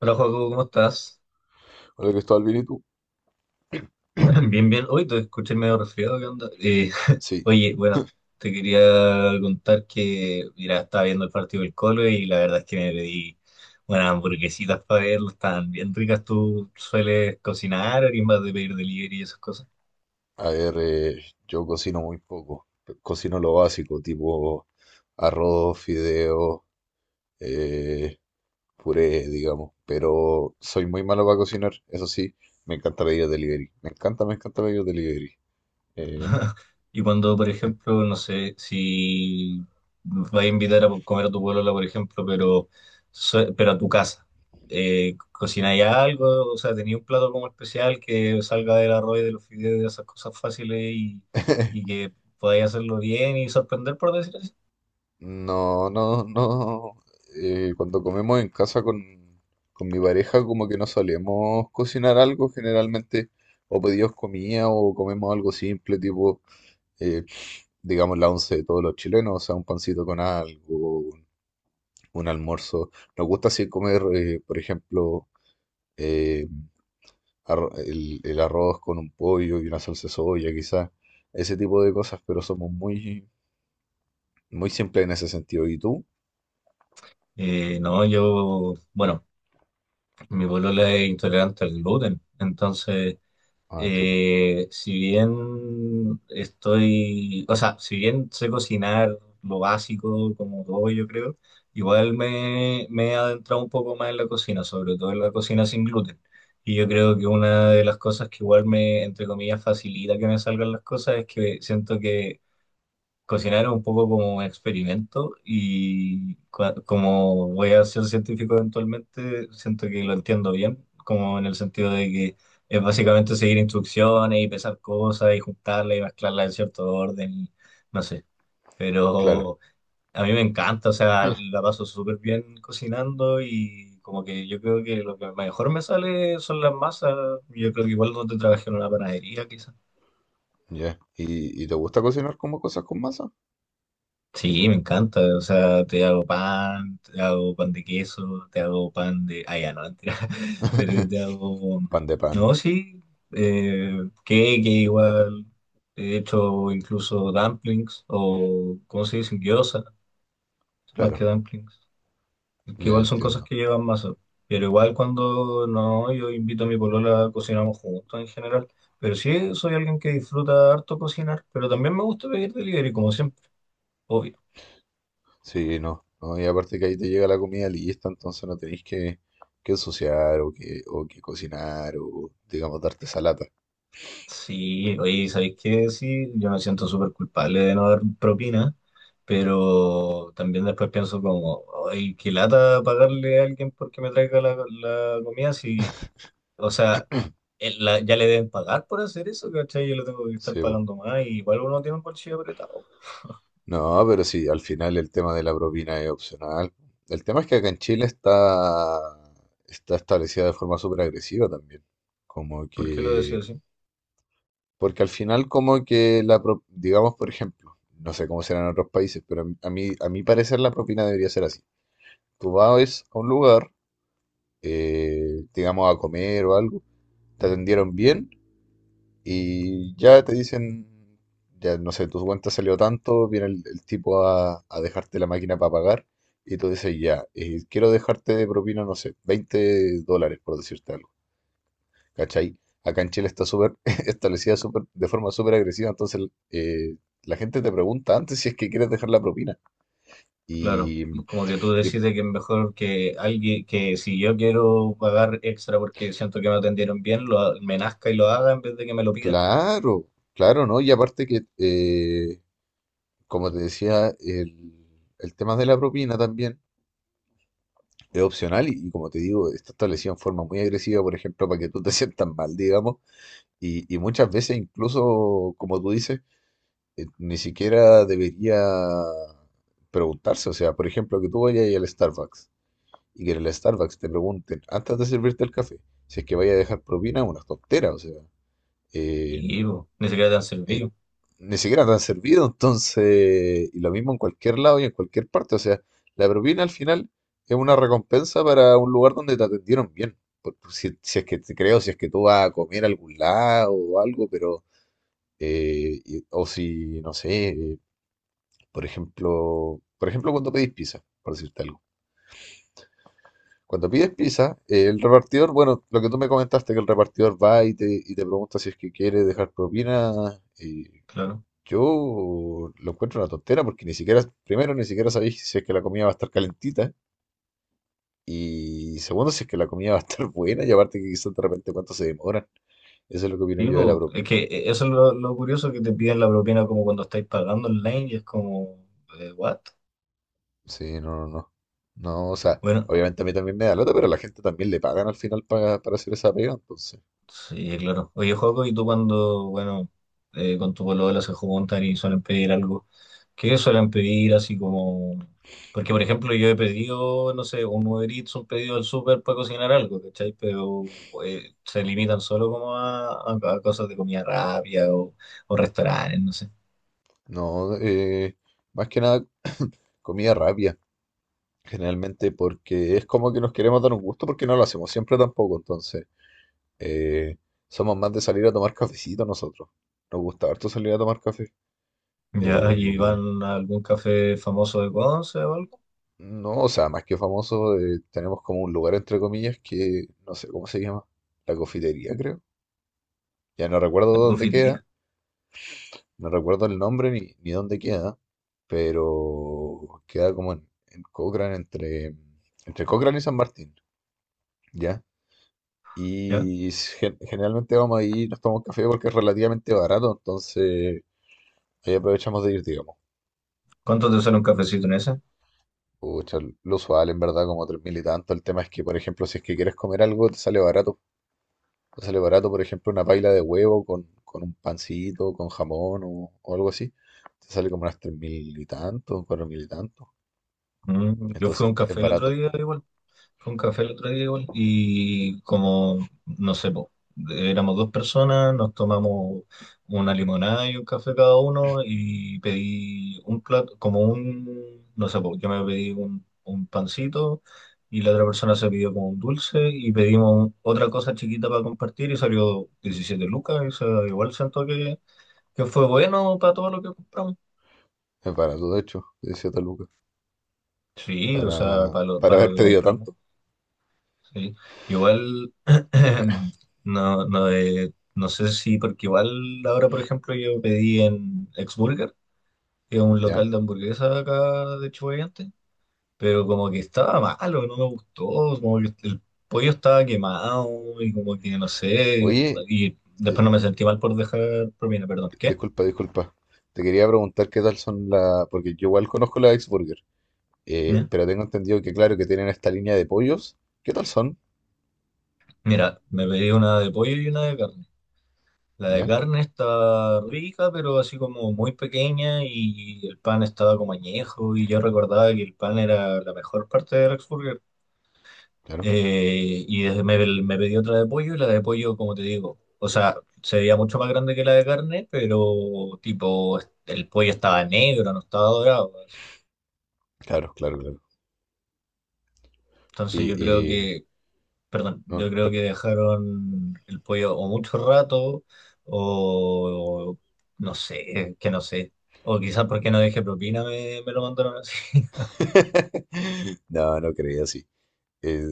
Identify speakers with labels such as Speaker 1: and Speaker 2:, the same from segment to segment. Speaker 1: Hola, Joaco, ¿cómo estás?
Speaker 2: Hola Cristóbal, ¿bien y tú?
Speaker 1: Bien, bien. Hoy te escuché medio resfriado, ¿qué onda?
Speaker 2: Sí,
Speaker 1: Oye, bueno, te quería contar que, mira, estaba viendo el partido del Colo y la verdad es que me pedí unas hamburguesitas para verlo, estaban bien ricas. ¿Tú sueles cocinar, eres más de pedir delivery y esas cosas?
Speaker 2: a ver, yo cocino muy poco. Cocino lo básico, tipo arroz, fideos, eh, puré, digamos. Pero soy muy malo para cocinar, eso sí, me encanta pedir delivery. Me encanta pedir delivery. Eh,
Speaker 1: Y cuando, por
Speaker 2: en-
Speaker 1: ejemplo, no sé, si vas a invitar a comer a tu pueblo, por ejemplo, pero, pero a tu casa, ¿cocináis algo? O sea, ¿tenéis un plato como especial que salga del arroz y de los fideos, de esas cosas fáciles y que podáis hacerlo bien y sorprender, por decir así?
Speaker 2: no, no, no. Cuando comemos en casa con mi pareja, como que no solemos cocinar algo, generalmente o pedimos comida o comemos algo simple, tipo eh, digamos, la once de todos los chilenos, o sea, un pancito con algo, un almuerzo. Nos gusta así comer, por ejemplo, eh, el arroz con un pollo y una salsa de soya, quizás, ese tipo de cosas, pero somos muy, muy simples en ese sentido. ¿Y tú?
Speaker 1: No, yo, bueno, mi polola es intolerante al gluten, entonces.
Speaker 2: Ah, chuta,
Speaker 1: Si bien estoy, o sea, si bien sé cocinar lo básico como todo, yo creo, igual me he adentrado un poco más en la cocina, sobre todo en la cocina sin gluten. Y yo creo que una de las cosas que igual me, entre comillas, facilita que me salgan las cosas es que siento que cocinar es un poco como un experimento y como voy a ser científico eventualmente, siento que lo entiendo bien, como en el sentido de que es básicamente seguir instrucciones y pesar cosas y juntarlas y mezclarlas en cierto orden, y no sé,
Speaker 2: claro,
Speaker 1: pero a mí me encanta, o sea, la paso súper bien cocinando y como que yo creo que lo que mejor me sale son las masas, yo creo que igual donde trabajé en una panadería quizás.
Speaker 2: ya. ¿Y te gusta cocinar como cosas con masa?
Speaker 1: Sí, me encanta. O sea, te hago pan de queso, te hago pan de... Ah, ya, no, mentira. Pero te hago...
Speaker 2: Pan de pan,
Speaker 1: No, sí. Eh, cake igual. He hecho incluso dumplings o, ¿cómo se dicen? Gyoza, más que
Speaker 2: claro,
Speaker 1: dumplings. Que
Speaker 2: ya
Speaker 1: igual son cosas
Speaker 2: entiendo.
Speaker 1: que llevan masa. Pero igual cuando no, yo invito a mi polola, cocinamos juntos en general. Pero sí, soy alguien que disfruta harto cocinar, pero también me gusta pedir delivery, como siempre. Obvio.
Speaker 2: Sí, no, no, y aparte que ahí te llega la comida lista, entonces no tenéis que ensuciar o que cocinar o, digamos, darte esa lata.
Speaker 1: Sí, oye, ¿sabéis qué? Sí, yo me siento súper culpable de no dar propina, pero también después pienso como, ay, qué lata pagarle a alguien porque me traiga la comida, si, o sea, ya le deben pagar por hacer eso, ¿cachai? Yo lo tengo que estar
Speaker 2: Sí, po.
Speaker 1: pagando más, y igual uno tiene un bolsillo apretado.
Speaker 2: No, pero sí, al final el tema de la propina es opcional. El tema es que acá en Chile está establecida de forma súper agresiva también. Como
Speaker 1: ¿Por qué lo decía
Speaker 2: que,
Speaker 1: así?
Speaker 2: porque al final como que digamos, por ejemplo, no sé cómo será en otros países, pero a mi parecer la propina debería ser así. Tú vas a un lugar digamos, a comer o algo, te atendieron bien y ya te dicen, ya no sé, tu cuenta salió tanto, viene el tipo a dejarte la máquina para pagar y tú dices, ya, quiero dejarte de propina, no sé, 20 dólares por decirte algo, ¿cachai? Acá en Chile está súper establecida súper- de forma súper agresiva, entonces eh, la gente te pregunta antes si es que quieres dejar la propina.
Speaker 1: Claro,
Speaker 2: Y,
Speaker 1: como que tú
Speaker 2: y
Speaker 1: decides que es mejor que alguien, que si yo quiero pagar extra porque siento que me atendieron bien, lo, me nazca y lo haga en vez de que me lo pida.
Speaker 2: claro, claro, ¿no? Y aparte que como te decía, el tema de la propina también es opcional y, como te digo, está establecido en forma muy agresiva, por ejemplo, para que tú te sientas mal, digamos, y, muchas veces incluso, como tú dices, ni siquiera debería preguntarse, o sea, por ejemplo, que tú vayas al Starbucks y que en el Starbucks te pregunten antes de servirte el café si es que vaya a dejar propina, es una tontera, o sea, eh,
Speaker 1: Sí, po, ni siquiera te han
Speaker 2: eh,
Speaker 1: servido,
Speaker 2: ni siquiera te han servido, entonces, y lo mismo en cualquier lado y en cualquier parte, o sea, la propina al final es una recompensa para un lugar donde te atendieron bien, Por si, es que te creo, si es que tú vas a comer a algún lado o algo, pero, o si, no sé, por ejemplo, cuando pedís pizza, por decirte algo. Cuando pides pizza, el repartidor, bueno, lo que tú me comentaste, que el repartidor va y te pregunta si es que quiere dejar propina, eh,
Speaker 1: claro.
Speaker 2: yo lo encuentro una tontera porque ni siquiera, primero, ni siquiera sabéis si es que la comida va a estar calentita y segundo, si es que la comida va a estar buena y aparte que quizás de repente cuánto se demoran. Eso es lo que opino
Speaker 1: Sí,
Speaker 2: yo de la
Speaker 1: po, es
Speaker 2: propina.
Speaker 1: que eso es lo curioso, que te piden la propina como cuando estáis pagando online y es como, ¿what?
Speaker 2: Sí, no, no, no. No, o sea,
Speaker 1: Bueno,
Speaker 2: obviamente a mí también me da lata, pero a la gente también le pagan al final para hacer esa pega, entonces.
Speaker 1: sí, claro. Oye, Joaco, y tú cuando, bueno, con tu polola se juntan y suelen pedir algo, ¿qué suelen pedir así como...? Porque, por ejemplo, yo he pedido, no sé, un Uber Eats, un pedido del súper para cocinar algo, ¿cachai? Pero se limitan solo como a, a cosas de comida rápida o restaurantes, no sé.
Speaker 2: No, más que nada comida rápida, generalmente porque es como que nos queremos dar un gusto porque no lo hacemos siempre tampoco, entonces. Eh, somos más de salir a tomar cafecito nosotros. Nos gusta harto salir a tomar café.
Speaker 1: ¿Ya? ¿Y
Speaker 2: Eh,
Speaker 1: van a algún café famoso de Conce o algo?
Speaker 2: no, o sea, más que famoso, tenemos como un lugar entre comillas que no sé cómo se llama. La cofitería, creo. Ya no recuerdo
Speaker 1: ¿La
Speaker 2: dónde queda,
Speaker 1: confitería?
Speaker 2: no recuerdo el nombre ni dónde queda, pero queda como en Cochrane, entre Cochrane y San Martín, ¿ya?
Speaker 1: ¿Ya?
Speaker 2: Y generalmente vamos ahí, nos tomamos café porque es relativamente barato, entonces ahí aprovechamos de ir, digamos.
Speaker 1: ¿Cuánto te sale un cafecito en ese?
Speaker 2: Pucha, lo usual en verdad como 3.000 y tanto. El tema es que, por ejemplo, si es que quieres comer algo, te sale barato. Te sale barato, por ejemplo, una paila de huevo con un pancito, con jamón o algo así. Te sale como unas 3.000 y tanto, 4.000 y tanto.
Speaker 1: Mm, yo fui a
Speaker 2: Entonces
Speaker 1: un
Speaker 2: es
Speaker 1: café el otro
Speaker 2: barato.
Speaker 1: día igual. Con café el otro día igual, y como, no sé, po, éramos dos personas, nos tomamos una limonada y un café cada uno y pedí un plato, como un, no sé, po, yo me pedí un pancito y la otra persona se pidió como un dulce y pedimos otra cosa chiquita para compartir y salió 17 lucas, y se igual siento que fue bueno para todo lo que compramos.
Speaker 2: Es barato, de hecho, decía Taluca.
Speaker 1: Sí, o sea,
Speaker 2: Para, para
Speaker 1: para lo
Speaker 2: haber
Speaker 1: que
Speaker 2: pedido
Speaker 1: compramos.
Speaker 2: tanto,
Speaker 1: Sí. Igual, no, no, no sé si, porque igual ahora, por ejemplo, yo pedí en Exburger, que es un
Speaker 2: ¿ya?
Speaker 1: local de hamburguesa acá de Chubaiante, pero como que estaba malo, no me gustó, como que el pollo estaba quemado y como que no sé,
Speaker 2: Oye,
Speaker 1: y después
Speaker 2: eh,
Speaker 1: no me sentí mal por dejar propina, perdón, ¿qué?
Speaker 2: disculpa, disculpa. Te quería preguntar qué tal son las... Porque yo igual conozco la Ex Burger. eh,
Speaker 1: ¿Ya?
Speaker 2: pero tengo entendido que, claro, que tienen esta línea de pollos. ¿Qué tal son?
Speaker 1: Mira, me pedí una de pollo y una de carne. La de
Speaker 2: ¿Ya?
Speaker 1: carne está rica, pero así como muy pequeña y el pan estaba como añejo y yo recordaba que el pan era la mejor parte del Rex Burger.
Speaker 2: Claro,
Speaker 1: Y desde me pedí otra de pollo y la de pollo, como te digo, o sea, se veía mucho más grande que la de carne, pero tipo, el pollo estaba negro, no estaba dorado. Así.
Speaker 2: claro, claro, claro.
Speaker 1: Entonces
Speaker 2: Oye,
Speaker 1: yo creo
Speaker 2: y...
Speaker 1: que... Perdón,
Speaker 2: No,
Speaker 1: yo creo que dejaron el pollo o mucho rato, o no sé, que no sé. O quizás porque no dejé propina me lo mandaron así.
Speaker 2: no, no creía así. Eh,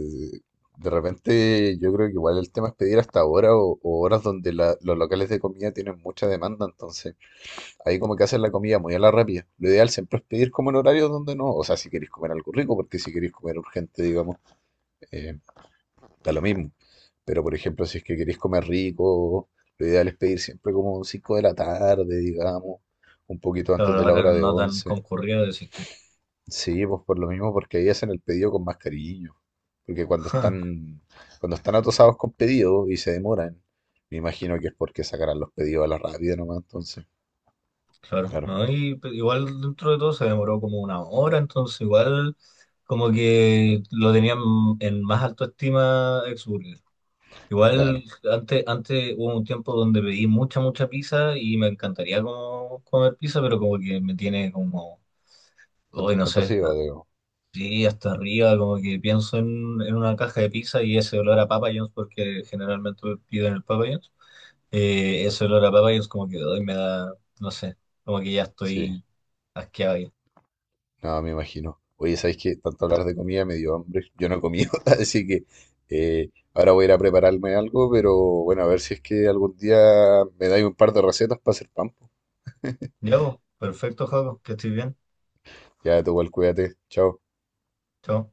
Speaker 2: de repente yo creo que igual el tema es pedir hasta ahora o horas donde los locales de comida tienen mucha demanda, entonces ahí como que hacen la comida muy a la rápida. Lo ideal siempre es pedir como en horarios donde no, o sea, si queréis comer algo rico, porque si queréis comer urgente, digamos, eh, da lo mismo. Pero por ejemplo, si es que queréis comer rico, lo ideal es pedir siempre como 5 de la tarde, digamos, un poquito
Speaker 1: Pero
Speaker 2: antes de la hora
Speaker 1: ahora
Speaker 2: de
Speaker 1: no tan
Speaker 2: 11.
Speaker 1: concurrido, decís tú.
Speaker 2: Sí, pues por lo mismo, porque ahí hacen el pedido con más cariño. Porque cuando están, cuando están atosados con pedidos y se demoran, me imagino que es porque sacarán los pedidos a la rápida nomás, entonces.
Speaker 1: Claro,
Speaker 2: Claro,
Speaker 1: ¿no? Y pues, igual dentro de todo se demoró como una hora, entonces igual como que lo tenían en más alta estima Exburger. Igual
Speaker 2: claro.
Speaker 1: antes, antes hubo un tiempo donde pedí mucha, mucha pizza y me encantaría como comer pizza, pero como que me tiene como... Hoy no sé,
Speaker 2: Atosido, digo.
Speaker 1: así hasta arriba, como que pienso en una caja de pizza y ese olor a Papa John's, porque generalmente pido en el Papa John's, ese olor a Papa John's como que hoy me da, no sé, como que ya
Speaker 2: Sí,
Speaker 1: estoy asqueado ahí.
Speaker 2: no, me imagino. Oye, ¿sabéis que tanto hablar de comida me dio hambre? Yo no he comido, así que ahora voy a ir a prepararme algo, pero bueno, a ver si es que algún día me dais un par de recetas para hacer pan. Po.
Speaker 1: Ya, pues, perfecto, Jaco, que estoy bien.
Speaker 2: Ya, tú igual, cuídate. Chao.
Speaker 1: Chao.